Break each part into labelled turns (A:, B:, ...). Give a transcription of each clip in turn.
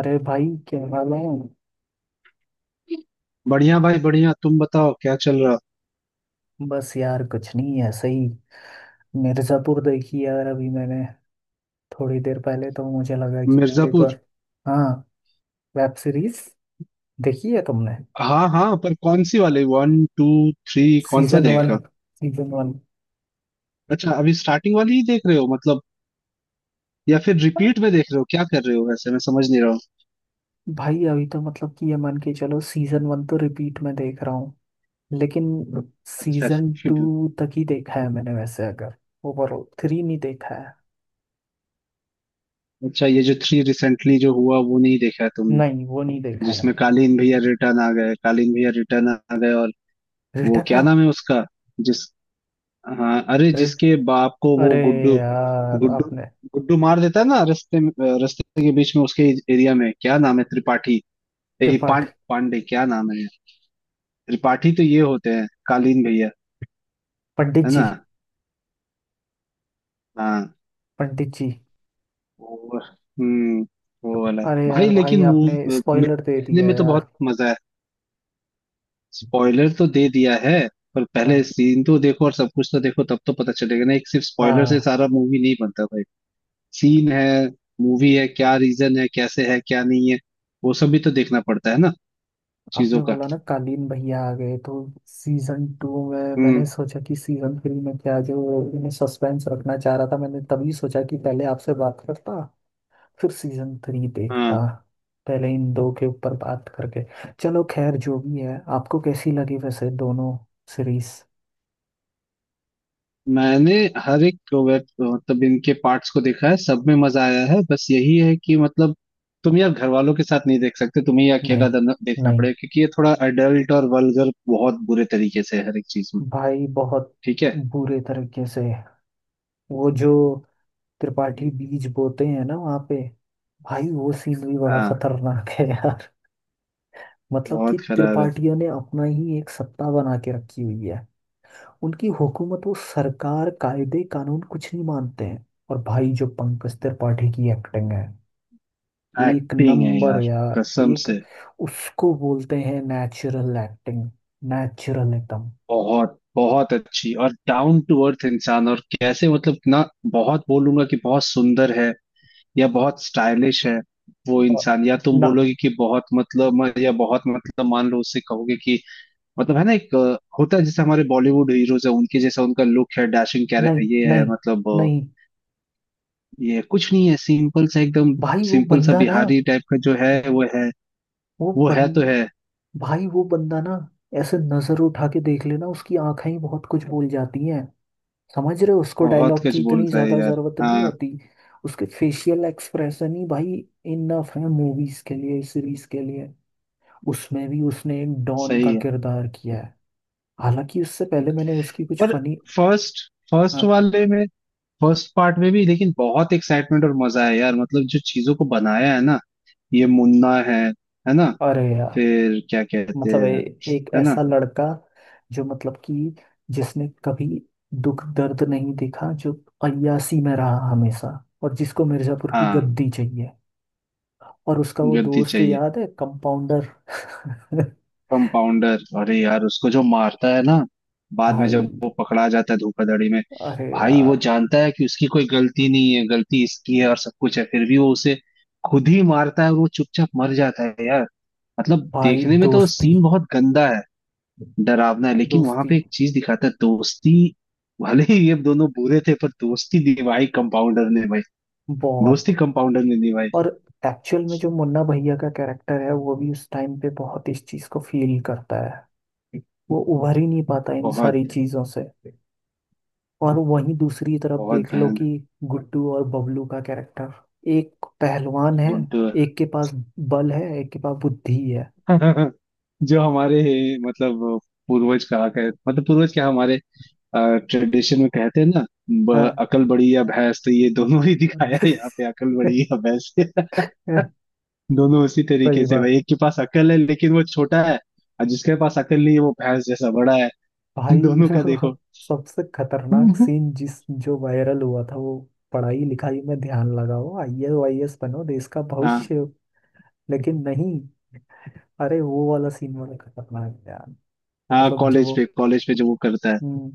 A: अरे भाई क्या हाल है।
B: बढ़िया भाई बढ़िया। तुम बताओ क्या चल रहा।
A: बस यार कुछ नहीं, ऐसे ही। मिर्ज़ापुर देखी यार अभी मैंने थोड़ी देर पहले, तो मुझे लगा कि यार एक
B: मिर्जापुर?
A: बार। हाँ, वेब सीरीज देखी है तुमने।
B: हाँ हाँ, पर कौन सी वाली, वन टू थ्री? कौन सा
A: सीजन वन।
B: देखा?
A: Season one.
B: अच्छा, अभी स्टार्टिंग वाली ही देख रहे हो मतलब, या फिर रिपीट में देख रहे हो? क्या कर रहे हो वैसे, मैं समझ नहीं रहा हूँ।
A: भाई अभी तो मतलब कि ये मान के चलो सीजन वन तो रिपीट में देख रहा हूँ। लेकिन
B: अच्छा
A: सीजन
B: repeat में।
A: टू तक ही देखा है मैंने, वैसे अगर ओवरऑल थ्री नहीं देखा है।
B: अच्छा, ये जो थ्री रिसेंटली जो हुआ वो नहीं देखा है तुमने?
A: नहीं, वो नहीं देखा है।
B: जिसमें कालीन भैया रिटर्न आ गए, कालीन भैया रिटर्न आ गए और वो
A: रिटर्न
B: क्या
A: हाँ।
B: नाम है उसका, जिस हाँ, अरे
A: रिट-
B: जिसके बाप को वो
A: अरे
B: गुड्डू,
A: यार
B: गुड्डू
A: आपने
B: गुड्डू मार देता है ना रास्ते में, रास्ते के बीच में उसके एरिया में। क्या नाम है, त्रिपाठी? ए, पां,
A: त्रिपाठी,
B: पांडे क्या नाम है? त्रिपाठी तो ये होते हैं कालीन भैया,
A: पंडित
B: है
A: जी।
B: ना? हाँ।
A: पंडित जी।
B: वो हम्म वो वाला।
A: अरे
B: भाई
A: यार भाई
B: लेकिन मूव
A: आपने स्पॉइलर दे
B: देखने
A: दिया
B: में तो
A: यार।
B: बहुत मजा है। स्पॉइलर तो दे दिया है, पर पहले
A: हाँ।
B: सीन तो देखो और सब कुछ तो देखो तब तो पता चलेगा ना। एक सिर्फ स्पॉइलर से
A: हाँ,
B: सारा मूवी नहीं बनता भाई। सीन है, मूवी है, क्या रीजन है, कैसे है, क्या नहीं है, वो सब भी तो देखना पड़ता है ना, चीजों
A: आपने
B: का।
A: बोला ना कालीन भैया आ गए, तो सीजन टू में मैंने
B: हम्म।
A: सोचा कि सीजन थ्री में क्या जो सस्पेंस रखना चाह रहा था, मैंने तभी सोचा कि पहले आपसे बात करता, फिर सीजन थ्री
B: हाँ।
A: देखता। पहले इन दो के ऊपर बात करके। चलो खैर, जो भी है, आपको कैसी लगी वैसे दोनों सीरीज।
B: मैंने हर एक वेब मतलब इनके पार्ट्स को देखा है, सब में मजा आया है। बस यही है कि मतलब, तुम यार घर वालों के साथ नहीं देख सकते, तुम्हें ये
A: नहीं।
B: अकेला देखना
A: नहीं
B: पड़ेगा, क्योंकि ये थोड़ा अडल्ट और वल्गर बहुत बुरे तरीके से है हर एक चीज में।
A: भाई, बहुत
B: ठीक है।
A: बुरे तरीके से। वो जो त्रिपाठी बीज बोते हैं ना वहां पे, भाई वो सीन भी बड़ा
B: हाँ।
A: खतरनाक है यार। मतलब कि
B: बहुत खराब
A: त्रिपाठियों ने अपना ही एक सत्ता बना के रखी हुई है। उनकी हुकूमत, वो सरकार, कायदे कानून कुछ नहीं मानते हैं। और भाई जो पंकज त्रिपाठी की एक्टिंग है,
B: है।
A: एक
B: एक्टिंग है
A: नंबर
B: यार,
A: यार,
B: कसम
A: एक।
B: से।
A: उसको बोलते हैं नेचुरल एक्टिंग। नेचुरल एकदम।
B: बहुत बहुत अच्छी। और डाउन टू अर्थ इंसान और कैसे मतलब ना, बहुत बोलूंगा कि बहुत सुंदर है या बहुत स्टाइलिश है वो
A: और-
B: इंसान, या तुम
A: ना।
B: बोलोगे कि बहुत मतलब या बहुत मतलब, मान लो उससे कहोगे कि मतलब है ना, एक होता है जैसे हमारे बॉलीवुड हीरोज है, उनके जैसा उनका लुक है डैशिंग,
A: नहीं।
B: ये है
A: नहीं।
B: मतलब
A: नहीं
B: ये कुछ नहीं है, सिंपल सा एकदम,
A: भाई, वो
B: सिंपल सा
A: बंदा ना,
B: बिहारी टाइप का जो है वो है,
A: वो
B: वो है
A: बन
B: तो है।
A: भाई वो बंदा ना, ऐसे नजर उठा के देख लेना, उसकी आंखें ही बहुत कुछ बोल जाती हैं। समझ रहे हो, उसको
B: बहुत
A: डायलॉग
B: कुछ
A: की इतनी
B: बोलता है
A: ज्यादा
B: यार।
A: जरूरत नहीं
B: हाँ।
A: होती। उसके फेशियल एक्सप्रेशन ही भाई इनफ है, मूवीज के लिए, सीरीज के लिए। उसमें भी उसने एक डॉन का
B: सही है।
A: किरदार किया है। हालांकि उससे पहले मैंने उसकी कुछ
B: पर
A: फनी।
B: फर्स्ट,
A: अरे
B: वाले में, फर्स्ट पार्ट में भी, लेकिन बहुत एक्साइटमेंट और मजा है यार, मतलब जो चीजों को बनाया है ना। ये मुन्ना है ना?
A: यार
B: फिर क्या कहते
A: मतलब
B: हैं,
A: एक
B: है ना?
A: ऐसा लड़का, जो मतलब कि जिसने कभी दुख दर्द नहीं देखा, जो अय्यासी में रहा हमेशा, और जिसको मिर्जापुर की
B: हाँ।
A: गद्दी चाहिए। और उसका वो
B: गद्दी
A: दोस्त
B: चाहिए।
A: याद है, कंपाउंडर।
B: कंपाउंडर, अरे यार उसको जो मारता है ना, बाद में
A: भाई,
B: जब वो पकड़ा जाता है धोखाधड़ी में।
A: अरे
B: भाई वो
A: यार
B: जानता है कि उसकी कोई गलती नहीं है, गलती इसकी है और सब कुछ है, फिर भी वो उसे खुद ही मारता है और वो चुपचाप मर जाता है यार। मतलब
A: भाई,
B: देखने में तो
A: दोस्ती।
B: सीन बहुत गंदा है, डरावना है, लेकिन वहां
A: दोस्ती।
B: पे एक चीज दिखाता है, दोस्ती। भले ही ये दोनों बुरे थे, पर दोस्ती निभाई कंपाउंडर ने भाई।
A: बहुत।
B: दोस्ती कंपाउंडर ने निभाई।
A: और एक्चुअल में जो मुन्ना भैया का कैरेक्टर है, वो भी उस टाइम पे बहुत इस चीज को फील करता है। वो उभर ही नहीं पाता इन
B: बहुत।
A: सारी चीजों से। और वहीं दूसरी तरफ
B: बहुत
A: देख लो कि
B: भयान
A: गुड्डू और बबलू का कैरेक्टर। एक पहलवान है।
B: गुड
A: एक के पास बल है, एक के पास बुद्धि है।
B: जो हमारे मतलब पूर्वज कहा कह मतलब पूर्वज क्या, हमारे ट्रेडिशन में कहते हैं ना,
A: हाँ।
B: अकल बड़ी या भैंस, तो ये दोनों ही दिखाया है यहाँ पे, अकल बड़ी या भैंस। दोनों उसी तरीके
A: सही
B: से
A: बात।
B: भाई, एक के पास अकल है लेकिन वो छोटा है, और जिसके पास अकल नहीं है वो भैंस जैसा बड़ा है।
A: भाई
B: दोनों का देखो।
A: सबसे खतरनाक सीन जिस जो वायरल हुआ था वो, पढ़ाई लिखाई में ध्यान लगाओ, आईएएस वाईएएस बनो, देश का
B: हाँ।
A: भविष्य। लेकिन नहीं। अरे वो वाला सीन बड़ा खतरनाक है यार। कि
B: हाँ
A: मतलब जब
B: कॉलेज
A: वो।
B: पे, जो वो करता है।
A: हम्म,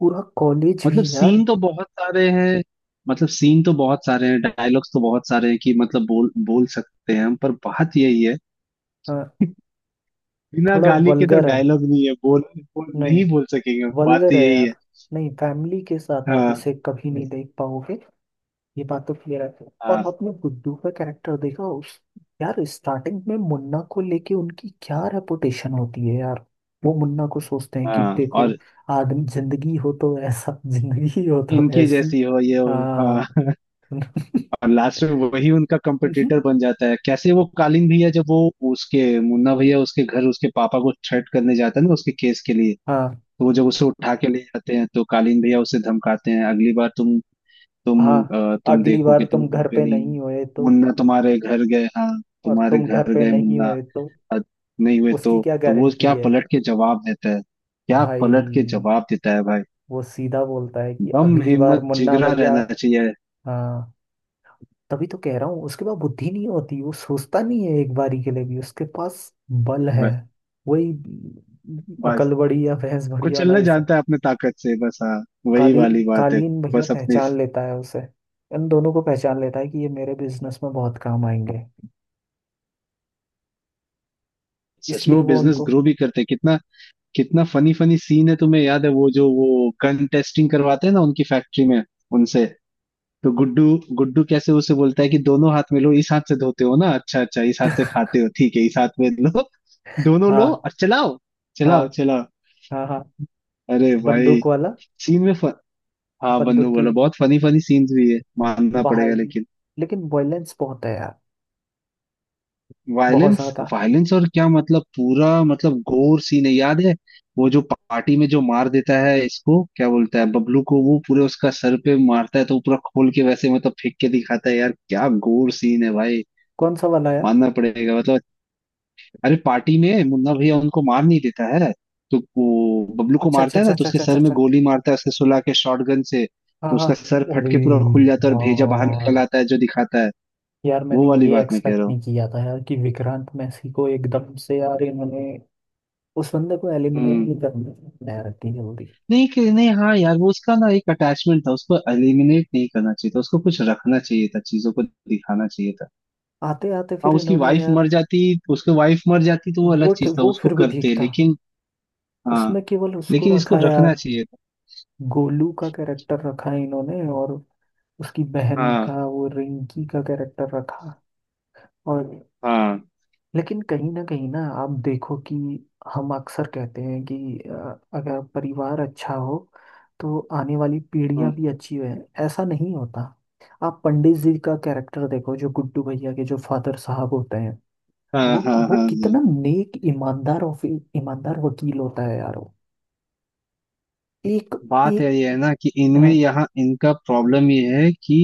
A: पूरा कॉलेज
B: मतलब
A: भी यार।
B: सीन तो बहुत सारे हैं, डायलॉग्स तो बहुत सारे हैं, कि मतलब बोल बोल सकते हैं हम, पर बात यही है,
A: हाँ,
B: बिना
A: थोड़ा
B: गाली के तो
A: वल्गर है।
B: डायलॉग नहीं है। बोल
A: नहीं,
B: नहीं, बोल सकेंगे, बात तो
A: वल्गर है
B: यही है।
A: यार। नहीं, फैमिली के साथ आप
B: हाँ।
A: इसे कभी नहीं देख पाओगे, ये बात तो क्लियर है।
B: हाँ।
A: और आपने गुड्डू का कैरेक्टर देखा, उस यार स्टार्टिंग में मुन्ना को लेके उनकी क्या रेपुटेशन होती है यार। वो मुन्ना को सोचते हैं कि
B: हाँ
A: देखो,
B: और
A: आदमी, जिंदगी हो तो ऐसा। जिंदगी हो तो
B: इनकी
A: ऐसी।
B: जैसी हो ये हो। हाँ।
A: हाँ।
B: और लास्ट में वही उनका कंपटीटर बन जाता है। कैसे वो कालीन भैया, जब वो उसके मुन्ना भैया उसके घर उसके पापा को थ्रेट करने जाता है ना उसके केस के लिए,
A: हाँ
B: तो वो जब उसे उठा के ले जाते हैं तो कालीन भैया उसे धमकाते हैं, अगली बार तुम,
A: हाँ।
B: तुम तुम
A: अगली
B: देखो
A: बार
B: कि तुम
A: तुम
B: घर
A: घर
B: पे
A: पे
B: नहीं हो,
A: नहीं होए तो,
B: मुन्ना तुम्हारे घर गए। हाँ।
A: और
B: तुम्हारे
A: तुम घर
B: घर
A: पे
B: गए
A: नहीं
B: मुन्ना,
A: होए तो
B: आज नहीं हुए
A: उसकी
B: तो?
A: क्या
B: तो वो
A: गारंटी
B: क्या
A: है।
B: पलट के जवाब देता है? क्या पलट के
A: भाई
B: जवाब देता है भाई?
A: वो सीधा बोलता है कि
B: दम,
A: अगली बार
B: हिम्मत,
A: मुन्ना
B: जिगरा
A: भैया।
B: रहना चाहिए।
A: हाँ, तभी तो कह रहा हूँ उसके पास बुद्धि नहीं होती, वो सोचता नहीं है एक बारी के लिए भी, उसके पास बल है।
B: हिम्मत,
A: वही
B: बस।
A: अकल बड़ी या भैंस बड़ी वाला,
B: कुचलना
A: ऐसा।
B: जानता है अपने ताकत से बस। हाँ, वही
A: कालीन
B: वाली बात है।
A: कालीन भैया
B: बस अपनी।
A: पहचान लेता है उसे, इन दोनों को पहचान लेता है कि ये मेरे बिजनेस में बहुत काम आएंगे,
B: सच में
A: इसलिए
B: वो
A: वो
B: बिजनेस
A: उनको।
B: ग्रो भी करते हैं। कितना कितना फनी फनी सीन है! तुम्हें याद है वो जो वो गन टेस्टिंग करवाते हैं ना उनकी फैक्ट्री में, उनसे? तो गुड्डू, कैसे उसे बोलता है कि दोनों हाथ में लो, इस हाथ से धोते हो ना, अच्छा अच्छा इस हाथ से खाते हो, ठीक है, इस हाथ में लो, दोनों लो
A: हाँ
B: और चलाओ,
A: हाँ
B: चलाओ चलाओ।
A: हाँ हाँ।
B: अरे भाई
A: बंदूक वाला।
B: सीन में फ... हाँ बंधु
A: बंदूक की
B: बोलो, बहुत फनी फनी सीन्स भी है, मानना
A: बाहर।
B: पड़ेगा लेकिन।
A: लेकिन वायलेंस बहुत है यार, बहुत
B: वायलेंस,
A: ज्यादा।
B: वायलेंस और क्या, मतलब पूरा मतलब गोर सीन है, याद है? वो जो पार्टी में जो मार देता है, इसको क्या बोलता है, बबलू को, वो पूरे उसका सर पे मारता है तो वो पूरा खोल के वैसे मतलब फेंक के दिखाता है यार, क्या गोर सीन है भाई,
A: कौन सा वाला यार।
B: मानना पड़ेगा मतलब। अरे पार्टी में मुन्ना भैया उनको मार नहीं देता है, तो वो बबलू को
A: अच्छा अच्छा
B: मारता है
A: अच्छा
B: ना, तो
A: अच्छा
B: उसके
A: अच्छा अच्छा
B: सर में
A: अच्छा।
B: गोली मारता है उसके, सुला के शॉटगन से,
A: हाँ
B: तो
A: हाँ।
B: उसका सर फट
A: अरे
B: के पूरा खुल जाता है और भेजा बाहर निकल
A: यार,
B: आता है जो दिखाता है।
A: यार मैंने
B: वो वाली
A: ये
B: बात मैं कह रहा
A: एक्सपेक्ट
B: हूँ।
A: नहीं किया था यार कि विक्रांत मैसी को एकदम से यार इन्होंने उस बंदे को एलिमिनेट
B: हम्म।
A: नहीं करना, बनाया रखती, जल्दी
B: नहीं कि नहीं हाँ यार, वो उसका ना एक अटैचमेंट था, उसको एलिमिनेट नहीं करना चाहिए था, उसको कुछ रखना चाहिए था, चीजों को दिखाना चाहिए था।
A: आते आते
B: हाँ
A: फिर
B: उसकी
A: इन्होंने
B: वाइफ
A: यार।
B: मर जाती, तो वो अलग चीज था,
A: वो
B: उसको
A: फिर भी ठीक
B: करते,
A: था।
B: लेकिन। हाँ।
A: उसमें केवल उसको
B: लेकिन इसको
A: रखा
B: रखना
A: यार।
B: चाहिए था।
A: गोलू का कैरेक्टर रखा है इन्होंने, और उसकी बहन
B: हाँ,
A: का वो रिंकी का कैरेक्टर रखा। और
B: हाँ,
A: लेकिन कहीं ना आप देखो कि हम अक्सर कहते हैं कि अगर परिवार अच्छा हो तो आने वाली
B: हाँ,
A: पीढ़ियां भी अच्छी हैं। ऐसा नहीं होता। आप पंडित जी का कैरेक्टर देखो, जो गुड्डू भैया के जो फादर साहब होते हैं,
B: हाँ,
A: वो
B: हाँ, हाँ,
A: वो
B: हाँ।
A: कितना नेक, ईमानदार, और फिर ईमानदार वकील होता है यार वो। एक,
B: बात है
A: एक।
B: ये है ना कि इनमें यहाँ इनका प्रॉब्लम ये है कि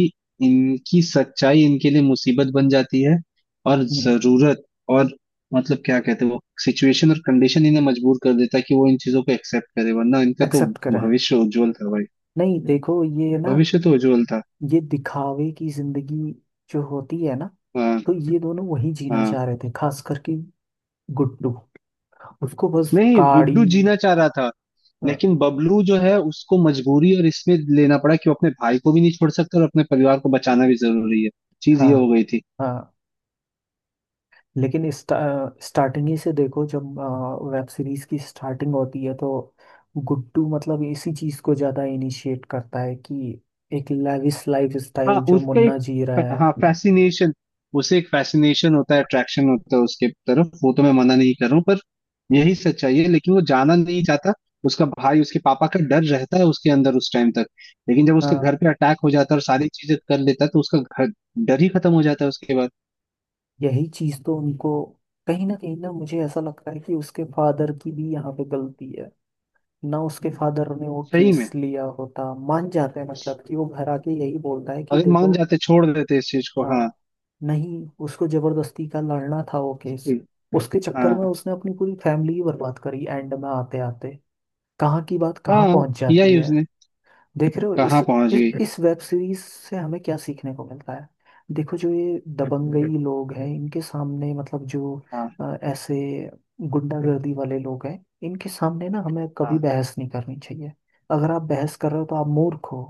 B: इनकी सच्चाई इनके लिए मुसीबत बन जाती है, और जरूरत और मतलब क्या कहते हैं, वो सिचुएशन और कंडीशन इन्हें मजबूर कर देता है कि वो इन चीजों को एक्सेप्ट करे, वरना इनका तो
A: एक्सेप्ट करें।
B: भविष्य उज्जवल था भाई।
A: नहीं देखो ये ना,
B: भविष्य तो उज्जवल था।
A: ये दिखावे की जिंदगी जो होती है ना,
B: हाँ।
A: तो ये दोनों वही जीना
B: हाँ।
A: चाह रहे थे, खास करके गुड्डू। उसको बस
B: नहीं
A: काड़ी।
B: गुड्डू जीना चाह रहा था,
A: हाँ।
B: लेकिन बबलू जो है उसको मजबूरी और इसमें लेना पड़ा कि वो अपने भाई को भी नहीं छोड़ सकता और अपने परिवार को बचाना भी जरूरी है। चीज ये
A: हाँ।
B: हो गई थी।
A: हाँ। लेकिन स्टा, स्टार्टिंग ही से देखो, जब वेब सीरीज की स्टार्टिंग होती है तो गुड्डू मतलब इसी चीज को ज्यादा इनिशिएट करता है कि एक लेविश लाइफ
B: हाँ
A: स्टाइल जो
B: उसका
A: मुन्ना जी रहा
B: एक। हाँ
A: है।
B: फैसिनेशन। उसे एक फैसिनेशन होता है, अट्रैक्शन होता है उसके तरफ, वो तो मैं मना नहीं कर रहा हूँ, पर यही सच्चाई है, लेकिन वो जाना नहीं चाहता। उसका भाई उसके पापा का डर रहता है उसके अंदर उस टाइम तक, लेकिन जब उसके
A: हाँ,
B: घर पे अटैक हो जाता है और सारी चीजें कर लेता है तो उसका घर, डर ही खत्म हो जाता है उसके बाद।
A: यही चीज तो उनको, कहीं ना मुझे ऐसा लगता है कि उसके फादर की भी यहाँ पे गलती है ना। उसके फादर ने वो
B: सही में
A: केस लिया होता, मान जाते हैं, मतलब कि वो घर आके यही बोलता है कि
B: अगर मान
A: देखो।
B: जाते, छोड़ देते इस चीज को। हाँ।
A: हाँ नहीं, उसको जबरदस्ती का लड़ना था वो केस। उसके चक्कर में
B: हाँ।
A: उसने अपनी पूरी फैमिली ही बर्बाद करी, एंड में आते आते कहाँ की बात कहाँ
B: हाँ,
A: पहुंच
B: किया
A: जाती
B: ही
A: है।
B: उसने।
A: देख रहे हो
B: कहाँ पहुंच गई।
A: इस वेब सीरीज से हमें क्या सीखने को मिलता है। देखो जो ये दबंगई लोग हैं, इनके सामने मतलब जो
B: हाँ।
A: ऐसे गुंडागर्दी वाले लोग हैं, इनके सामने ना हमें कभी
B: हाँ।
A: बहस नहीं करनी चाहिए। अगर आप बहस कर रहे हो तो आप मूर्ख हो।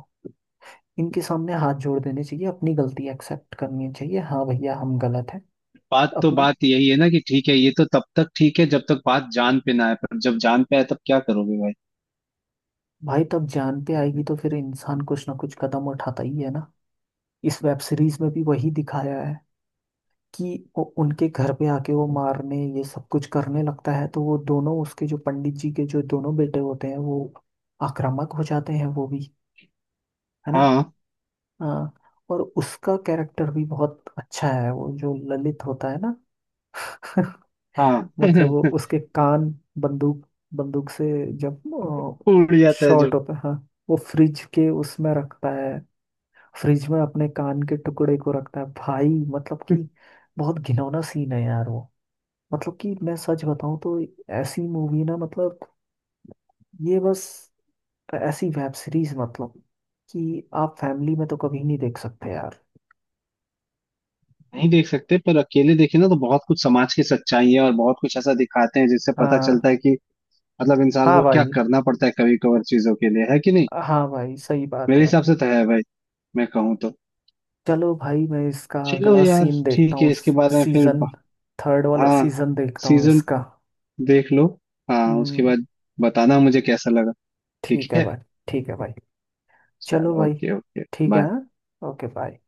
A: इनके सामने हाथ जोड़ देने चाहिए, अपनी गलती एक्सेप्ट करनी चाहिए, हाँ भैया हम गलत है।
B: बात तो
A: अपना।
B: बात यही है ना कि ठीक है, ये तो तब तक ठीक है जब तक बात जान पे ना आए, पर जब जान पे आए तब क्या करोगे भाई?
A: भाई तब जान पे आएगी तो फिर इंसान कुछ ना कुछ कदम उठाता ही है ना। इस वेब सीरीज में भी वही दिखाया है, कि वो उनके घर पे आके वो मारने ये सब कुछ करने लगता है, तो वो दोनों उसके जो पंडित जी के जो दोनों बेटे होते हैं वो आक्रामक हो जाते हैं वो भी, है ना।
B: हाँ।
A: हाँ। और उसका कैरेक्टर भी बहुत अच्छा है वो जो ललित होता है ना।
B: हाँ।
A: मतलब वो उसके कान, बंदूक, बंदूक से जब
B: उड़ जाता है जो।
A: शॉर्ट होता है, हाँ, वो फ्रिज के उसमें रखता है, फ्रिज में अपने कान के टुकड़े को रखता है भाई। मतलब कि बहुत घिनौना सीन है यार वो। मतलब कि मैं सच बताऊं तो ऐसी मूवी ना, मतलब ये बस ऐसी वेब सीरीज मतलब कि आप फैमिली में तो कभी नहीं देख सकते यार।
B: नहीं देख सकते, पर अकेले देखे ना तो बहुत कुछ समाज की सच्चाई है और बहुत कुछ ऐसा दिखाते हैं जिससे पता
A: हाँ।
B: चलता है कि मतलब इंसान
A: हाँ
B: को क्या
A: भाई,
B: करना पड़ता है कभी कभार चीजों के लिए, है कि नहीं?
A: हाँ भाई सही बात
B: मेरे
A: है।
B: हिसाब से तो है भाई, मैं कहूँ तो।
A: चलो भाई मैं इसका
B: चलो
A: अगला
B: यार
A: सीन देखता
B: ठीक है,
A: हूँ।
B: इसके बारे में फिर
A: सीजन थर्ड वाला
B: हाँ।
A: सीजन देखता हूँ
B: सीजन
A: इसका।
B: देख लो। हाँ उसके
A: हम्म,
B: बाद बताना मुझे कैसा लगा। ठीक
A: ठीक है
B: है।
A: भाई। ठीक है भाई। चलो
B: चलो,
A: भाई।
B: ओके ओके
A: ठीक है।
B: बाय।
A: हाँ? Okay bye.